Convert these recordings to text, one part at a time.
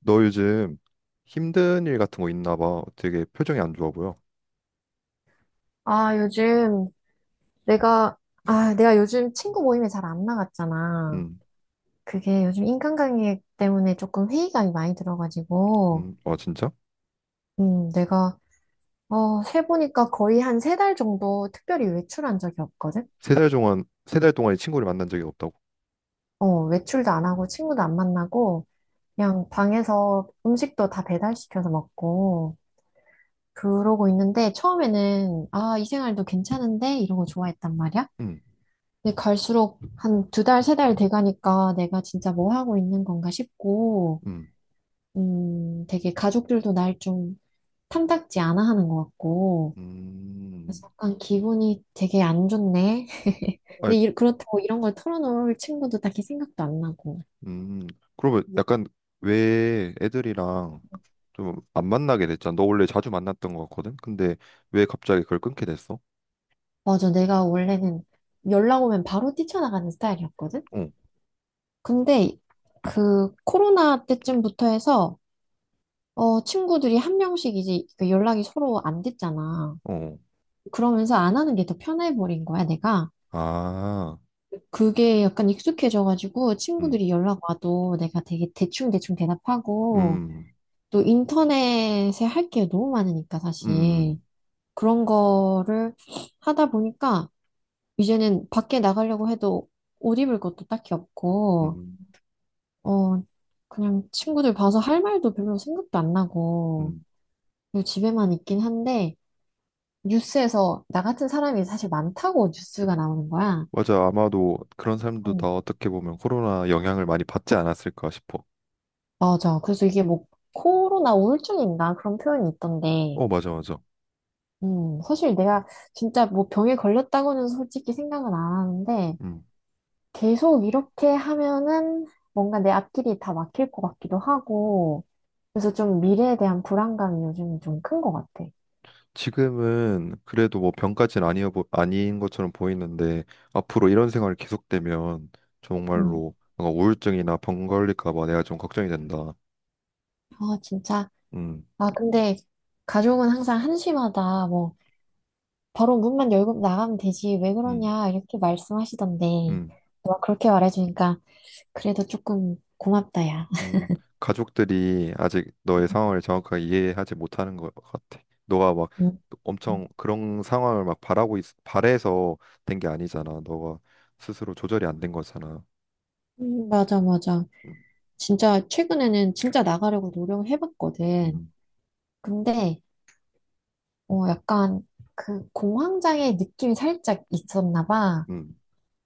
너 요즘 힘든 일 같은 거 있나 봐. 되게 표정이 안 좋아 보여. 아, 요즘 내가, 내가 요즘 친구 모임에 잘 안 나갔잖아. 음, 그게 요즘 인간관계 때문에 조금 회의감이 많이 들어가지고, 아 진짜? 음, 내가, 세보니까 거의 한 3달 정도 특별히 외출한 적이 없거든? 세 달 동안 세 달 동안 이 친구를 만난 적이 없다고? 외출도 안 하고 친구도 안 만나고, 그냥 방에서 음식도 다 배달시켜서 먹고, 그러고 있는데, 처음에는, 아, 이 생활도 괜찮은데? 이러고 좋아했단 말이야. 음, 근데 갈수록 한 2달, 3달 돼가니까 내가 진짜 뭐 하고 있는 건가 싶고, 음, 되게 가족들도 날 좀 탐탁지 않아 하는 것 같고, 음, 그래서 약간 기분이 되게 안 좋네. 아, 근데 그렇다고 이런 걸 털어놓을 친구도 딱히 생각도 안 나고. 음. 그러면 약간 왜 애들이랑 좀 안 만나게 됐잖아. 너 원래 자주 만났던 거 같거든. 근데 왜 갑자기 그걸 끊게 됐어? 맞아, 내가 원래는 연락 오면 바로 뛰쳐나가는 스타일이었거든? 어, 근데 그 코로나 때쯤부터 해서, 친구들이 1명씩 이제 그 연락이 서로 안 됐잖아. 어, 그러면서 안 하는 게 더 편해버린 거야, 내가. 아, 그게 약간 익숙해져가지고 음, 친구들이 연락 와도 내가 되게 대충대충 대답하고 음, 또 인터넷에 할 게 너무 많으니까 음, 사실 그런 거를 하다 보니까 이제는 밖에 나가려고 해도 옷 입을 것도 딱히 없고 음, 어 그냥 친구들 봐서 할 말도 별로 생각도 안 나고 음, 그리고 집에만 있긴 한데 뉴스에서 나 같은 사람이 사실 많다고 뉴스가 나오는 거야. 맞아. 아마도 그런 사람도 어, 다 어떻게 보면 코로나 영향을 많이 받지 않았을까 싶어. 맞아. 그래서 이게 뭐 코로나 우울증인가 그런 표현이 있던데, 어, 맞아, 맞아. 사실 내가 진짜 뭐 병에 걸렸다고는 솔직히 생각은 안 하는데, 음. 계속 이렇게 하면은 뭔가 내 앞길이 다 막힐 것 같기도 하고, 그래서 좀 미래에 대한 불안감이 요즘 좀 큰 것 같아. 지금은 그래도 뭐 병까지는 아닌 것처럼 보이는데 앞으로 이런 생활이 계속되면 음, 정말로 뭔가 우울증이나 병 걸릴까 봐 내가 좀 걱정이 된다. 아, 진짜. 음. 아, 근데 가족은 항상 한심하다. 뭐, 바로 문만 열고 나가면 되지. 왜 음. 그러냐. 이렇게 말씀하시던데, 음. 너가 그렇게 말해주니까 그래도 조금 고맙다, 야. 음, 가족들이 아직 너의 상황을 정확하게 이해하지 못하는 것 같아. 너가 막 음, 엄청 그런 상황을 막 바래서 된 게 아니잖아. 너가 스스로 조절이 안 된 거잖아. 맞아, 맞아. 음, 진짜 최근에는 진짜 나가려고 노력을 해봤거든. 음, 근데 약간 그 공황장애 느낌이 살짝 있었나 봐. 음,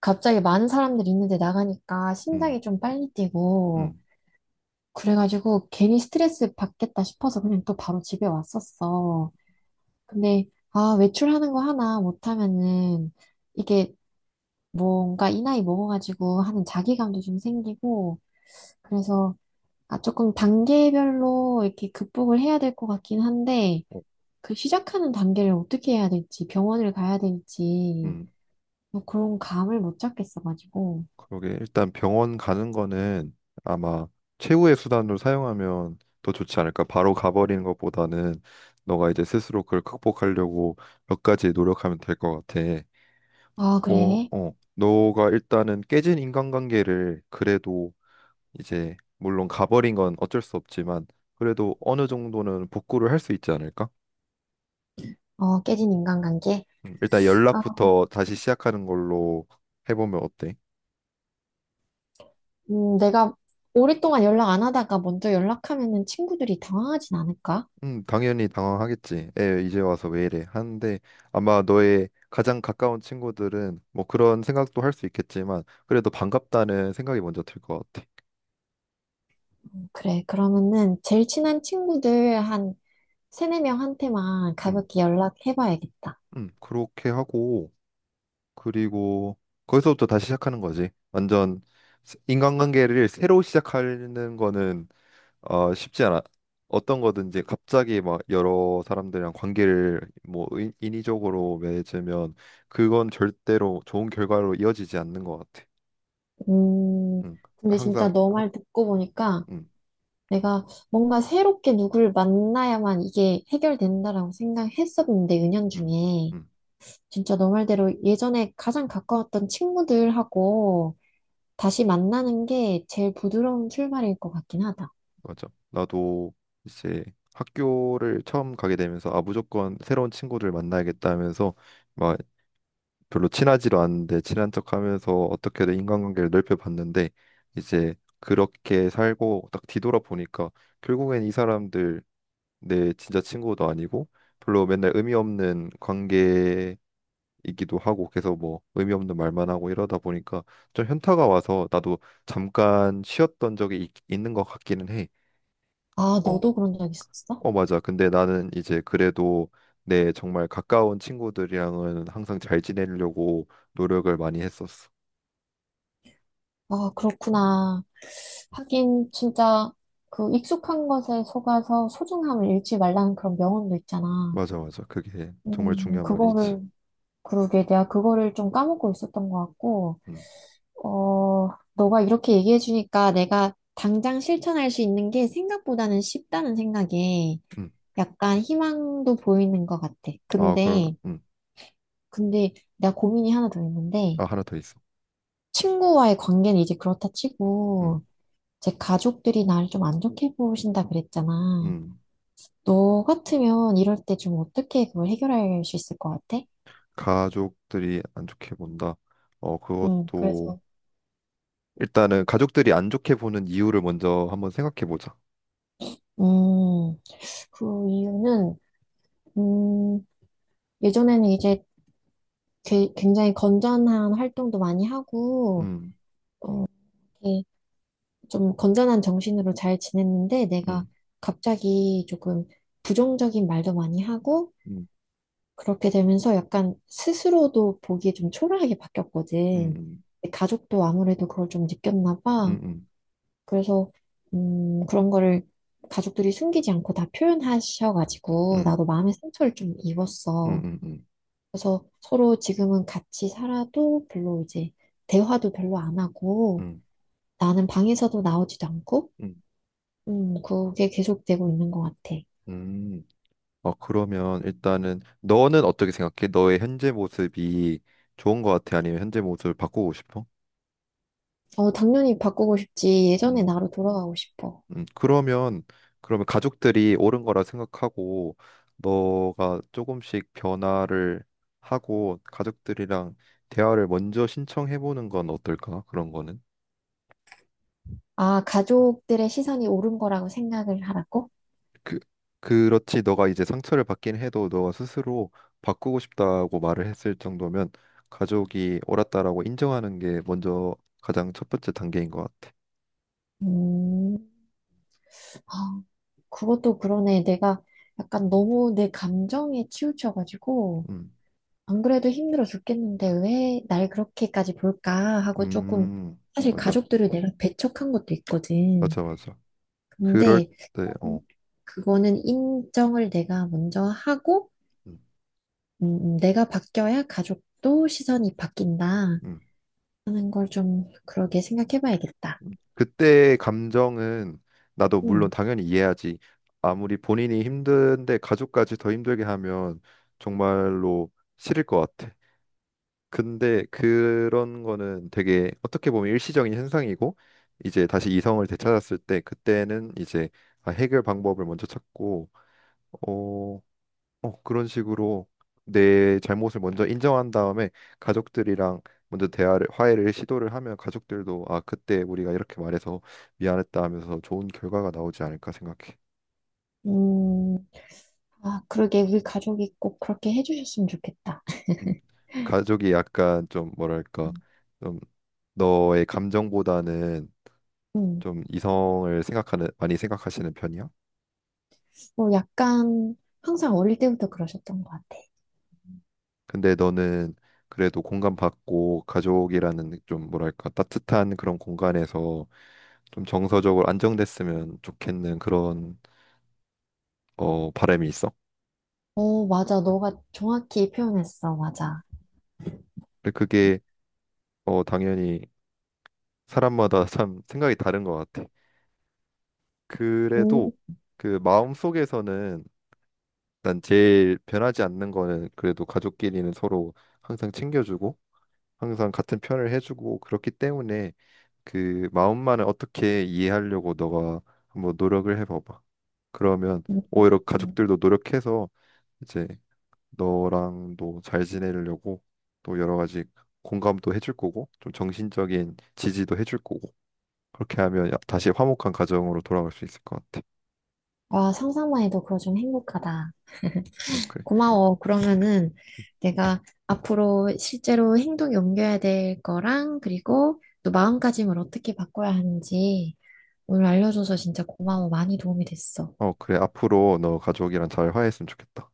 갑자기 많은 사람들이 있는데 나가니까 음, 심장이 좀 빨리 뛰고 음, 그래가지고 괜히 스트레스 받겠다 싶어서 그냥 또 바로 집에 왔었어. 근데 외출하는 거 하나 못하면은 이게 뭔가 이 나이 먹어가지고 하는 자기감도 좀 생기고 그래서 조금 단계별로 이렇게 극복을 해야 될 것 같긴 한데, 어, 그 시작하는 단계를 어떻게 해야 될지, 병원을 가야 될지, 음. 뭐 그런 감을 못 잡겠어가지고. 그러게 일단 병원 가는 거는 아마 최후의 수단으로 사용하면 더 좋지 않을까. 바로 가버리는 것보다는 너가 이제 스스로 그걸 극복하려고 몇 가지 노력하면 될 것 같아. 아, 어, 그래. 어. 너가 일단은 깨진 인간관계를 그래도 이제 물론 가버린 건 어쩔 수 없지만 그래도 어느 정도는 복구를 할 수 있지 않을까? 어, 깨진 인간관계. 일단 아, 연락부터 다시 시작하는 걸로 해보면 어때? 내가 오랫동안 연락 안 하다가 먼저 연락하면은 친구들이 당황하진 않을까? 당연히 당황하겠지. 에, 이제 와서 왜 이래? 하는데 아마 너의 가장 가까운 친구들은 뭐 그런 생각도 할 수 있겠지만 그래도 반갑다는 생각이 먼저 들 것 같아. 그래. 그러면은 제일 친한 친구들 한 세네 명한테만 음, 가볍게 연락해봐야겠다. 그렇게 하고. 그리고 거기서부터 다시 시작하는 거지. 완전 인간관계를 새로 시작하는 거는 어, 쉽지 않아. 어떤 거든지 갑자기 막 여러 사람들이랑 관계를 뭐 인위적으로 맺으면 그건 절대로 좋은 결과로 이어지지 않는 것 같아. 음, 응. 근데 진짜 항상 너 말 듣고 보니까 응, 내가 뭔가 새롭게 누굴 만나야만 이게 해결된다라고 생각했었는데, 응, 은연중에. 응, 진짜 너 말대로 예전에 가장 가까웠던 친구들하고 다시 만나는 게 제일 부드러운 출발일 것 같긴 하다. 맞아. 나도 이제 학교를 처음 가게 되면서 아 무조건 새로운 친구들 만나야겠다 하면서 막 별로 친하지도 않은데 친한 척하면서 어떻게든 인간관계를 넓혀봤는데 이제 그렇게 살고 딱 뒤돌아보니까 결국엔 이 사람들 내 진짜 친구도 아니고 별로 맨날 의미 없는 관계이기도 하고 계속 뭐 의미 없는 말만 하고 이러다 보니까 좀 현타가 와서 나도 잠깐 쉬었던 적이 있는 것 같기는 해. 아, 어, 너도 그런 적 있었어? 어 맞아. 근데 나는 이제 그래도 내 정말 가까운 친구들이랑은 항상 잘 지내려고 노력을 많이 했었어. 아, 그렇구나. 하긴 진짜 그 익숙한 것에 속아서 소중함을 잃지 말라는 그런 명언도 있잖아. 맞아, 맞아. 그게 정말 음, 중요한 말이지. 그거를, 그러게 내가 그거를 좀 까먹고 있었던 것 같고, 음, 어, 너가 이렇게 얘기해주니까 내가 당장 실천할 수 있는 게 생각보다는 쉽다는 생각에 음. 약간 희망도 보이는 것 같아. 아, 그럼, 근데, 내가 고민이 하나 더 있는데, 아, 하나 더 있어. 친구와의 관계는 이제 그렇다 음, 치고, 제 가족들이 나를 좀 안 좋게 보신다 그랬잖아. 음. 너 같으면 이럴 때 좀 어떻게 그걸 해결할 수 있을 것 같아? 가족들이 안 좋게 본다. 어, 그것도 그래서, 일단은 가족들이 안 좋게 보는 이유를 먼저 한번 생각해 보자. 음, 그 이유는, 음, 예전에는 이제 굉장히 건전한 활동도 많이 하고, 음, 좀 건전한 정신으로 잘 지냈는데 내가 음, 갑자기 조금 부정적인 말도 많이 하고 음, 그렇게 되면서 약간 스스로도 보기에 좀 초라하게 바뀌었거든. 음, 내 가족도 아무래도 그걸 좀 느꼈나 음, 봐. 음, 그래서 그런 거를 가족들이 숨기지 않고 다 표현하셔가지고 음, 나도 마음의 상처를 좀 음, 입었어. 음, 음, 그래서 서로 지금은 같이 살아도 별로 이제 대화도 별로 안 하고 음, 나는 방에서도 나오지도 않고 음. 그게 계속되고 있는 것 같아. 음. 어, 그러면 일단은 너는 어떻게 생각해? 너의 현재 모습이 좋은 것 같아? 아니면 현재 모습을 바꾸고 싶어? 어, 당연히 바꾸고 싶지. 예전의 음. 나로 돌아가고 싶어. 그러면 가족들이 옳은 거라 생각하고 너가 조금씩 변화를 하고 가족들이랑 대화를 먼저 신청해 보는 건 어떨까? 그런 거는 아, 가족들의 시선이 옳은 거라고 생각을 하라고? 그 그렇지 너가 이제 상처를 받긴 해도 너가 스스로 바꾸고 싶다고 말을 했을 정도면 가족이 옳았다라고 인정하는 게 먼저 가장 첫 번째 단계인 것 같아. 음, 아, 그것도 그러네. 내가 약간 너무 내 감정에 치우쳐가지고, 음, 안 그래도 힘들어 죽겠는데 왜 날 그렇게까지 볼까 하고 조금, 사실 맞아, 가족들을 내가 배척한 것도 있거든. 맞아, 맞아. 그럴 근데, 때, 음, 어, 그거는 인정을 내가 먼저 하고, 음, 내가 바뀌어야 가족도 시선이 바뀐다 음. 하는 걸 좀 그러게 생각해 봐야겠다. 그때의 감정은 나도 물론 음, 당연히 이해하지. 아무리 본인이 힘든데 가족까지 더 힘들게 하면 정말로 싫을 것 같아. 근데 그런 거는 되게 어떻게 보면 일시적인 현상이고 이제 다시 이성을 되찾았을 때 그때는 이제 아, 해결 방법을 먼저 찾고 어, 어, 그런 식으로 내 잘못을 먼저 인정한 다음에 가족들이랑 먼저 대화를 화해를 시도를 하면 가족들도 아 그때 우리가 이렇게 말해서 미안했다 하면서 좋은 결과가 나오지 않을까 생각해. 음, 아, 그러게 우리 가족이 꼭 그렇게 해주셨으면 좋겠다. 음. 가족이 약간 좀 뭐랄까 음, 좀 너의 감정보다는 음. 좀 이성을 생각하는 많이 생각하시는 편이야? 뭐 약간 항상 어릴 때부터 그러셨던 것 같아. 근데 너는 그래도 공감받고 가족이라는 좀 뭐랄까 따뜻한 그런 공간에서 좀 정서적으로 안정됐으면 좋겠는 그런 어 바람이 있어. 어, 맞아. 너가 정확히 표현했어. 음. 맞아. 근데 그게 어 당연히 사람마다 참 생각이 다른 것 같아. 음, 그래도 그 마음 속에서는 난 제일 변하지 않는 거는 그래도 가족끼리는 서로 항상 챙겨주고 항상 같은 편을 해주고 그렇기 때문에 그 마음만을 어떻게 이해하려고 너가 한번 노력을 해봐봐. 그러면 음, 오히려 음. 가족들도 노력해서 이제 너랑도 잘 지내려고 또 여러 가지 공감도 해줄 거고 좀 정신적인 지지도 해줄 거고 그렇게 하면 다시 화목한 가정으로 돌아갈 수 있을 것 같아. 와, 상상만 해도 그거 좀 행복하다. 응, 그래. 고마워. 그러면은 내가 앞으로 실제로 행동 옮겨야 될 거랑 그리고 또 마음가짐을 어떻게 바꿔야 하는지 오늘 알려줘서 진짜 고마워. 많이 도움이 됐어. 어, 그래. 앞으로 너 가족이랑 잘 화해했으면 좋겠다.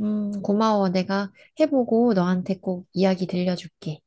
고마워. 내가 해보고 너한테 꼭 이야기 들려줄게.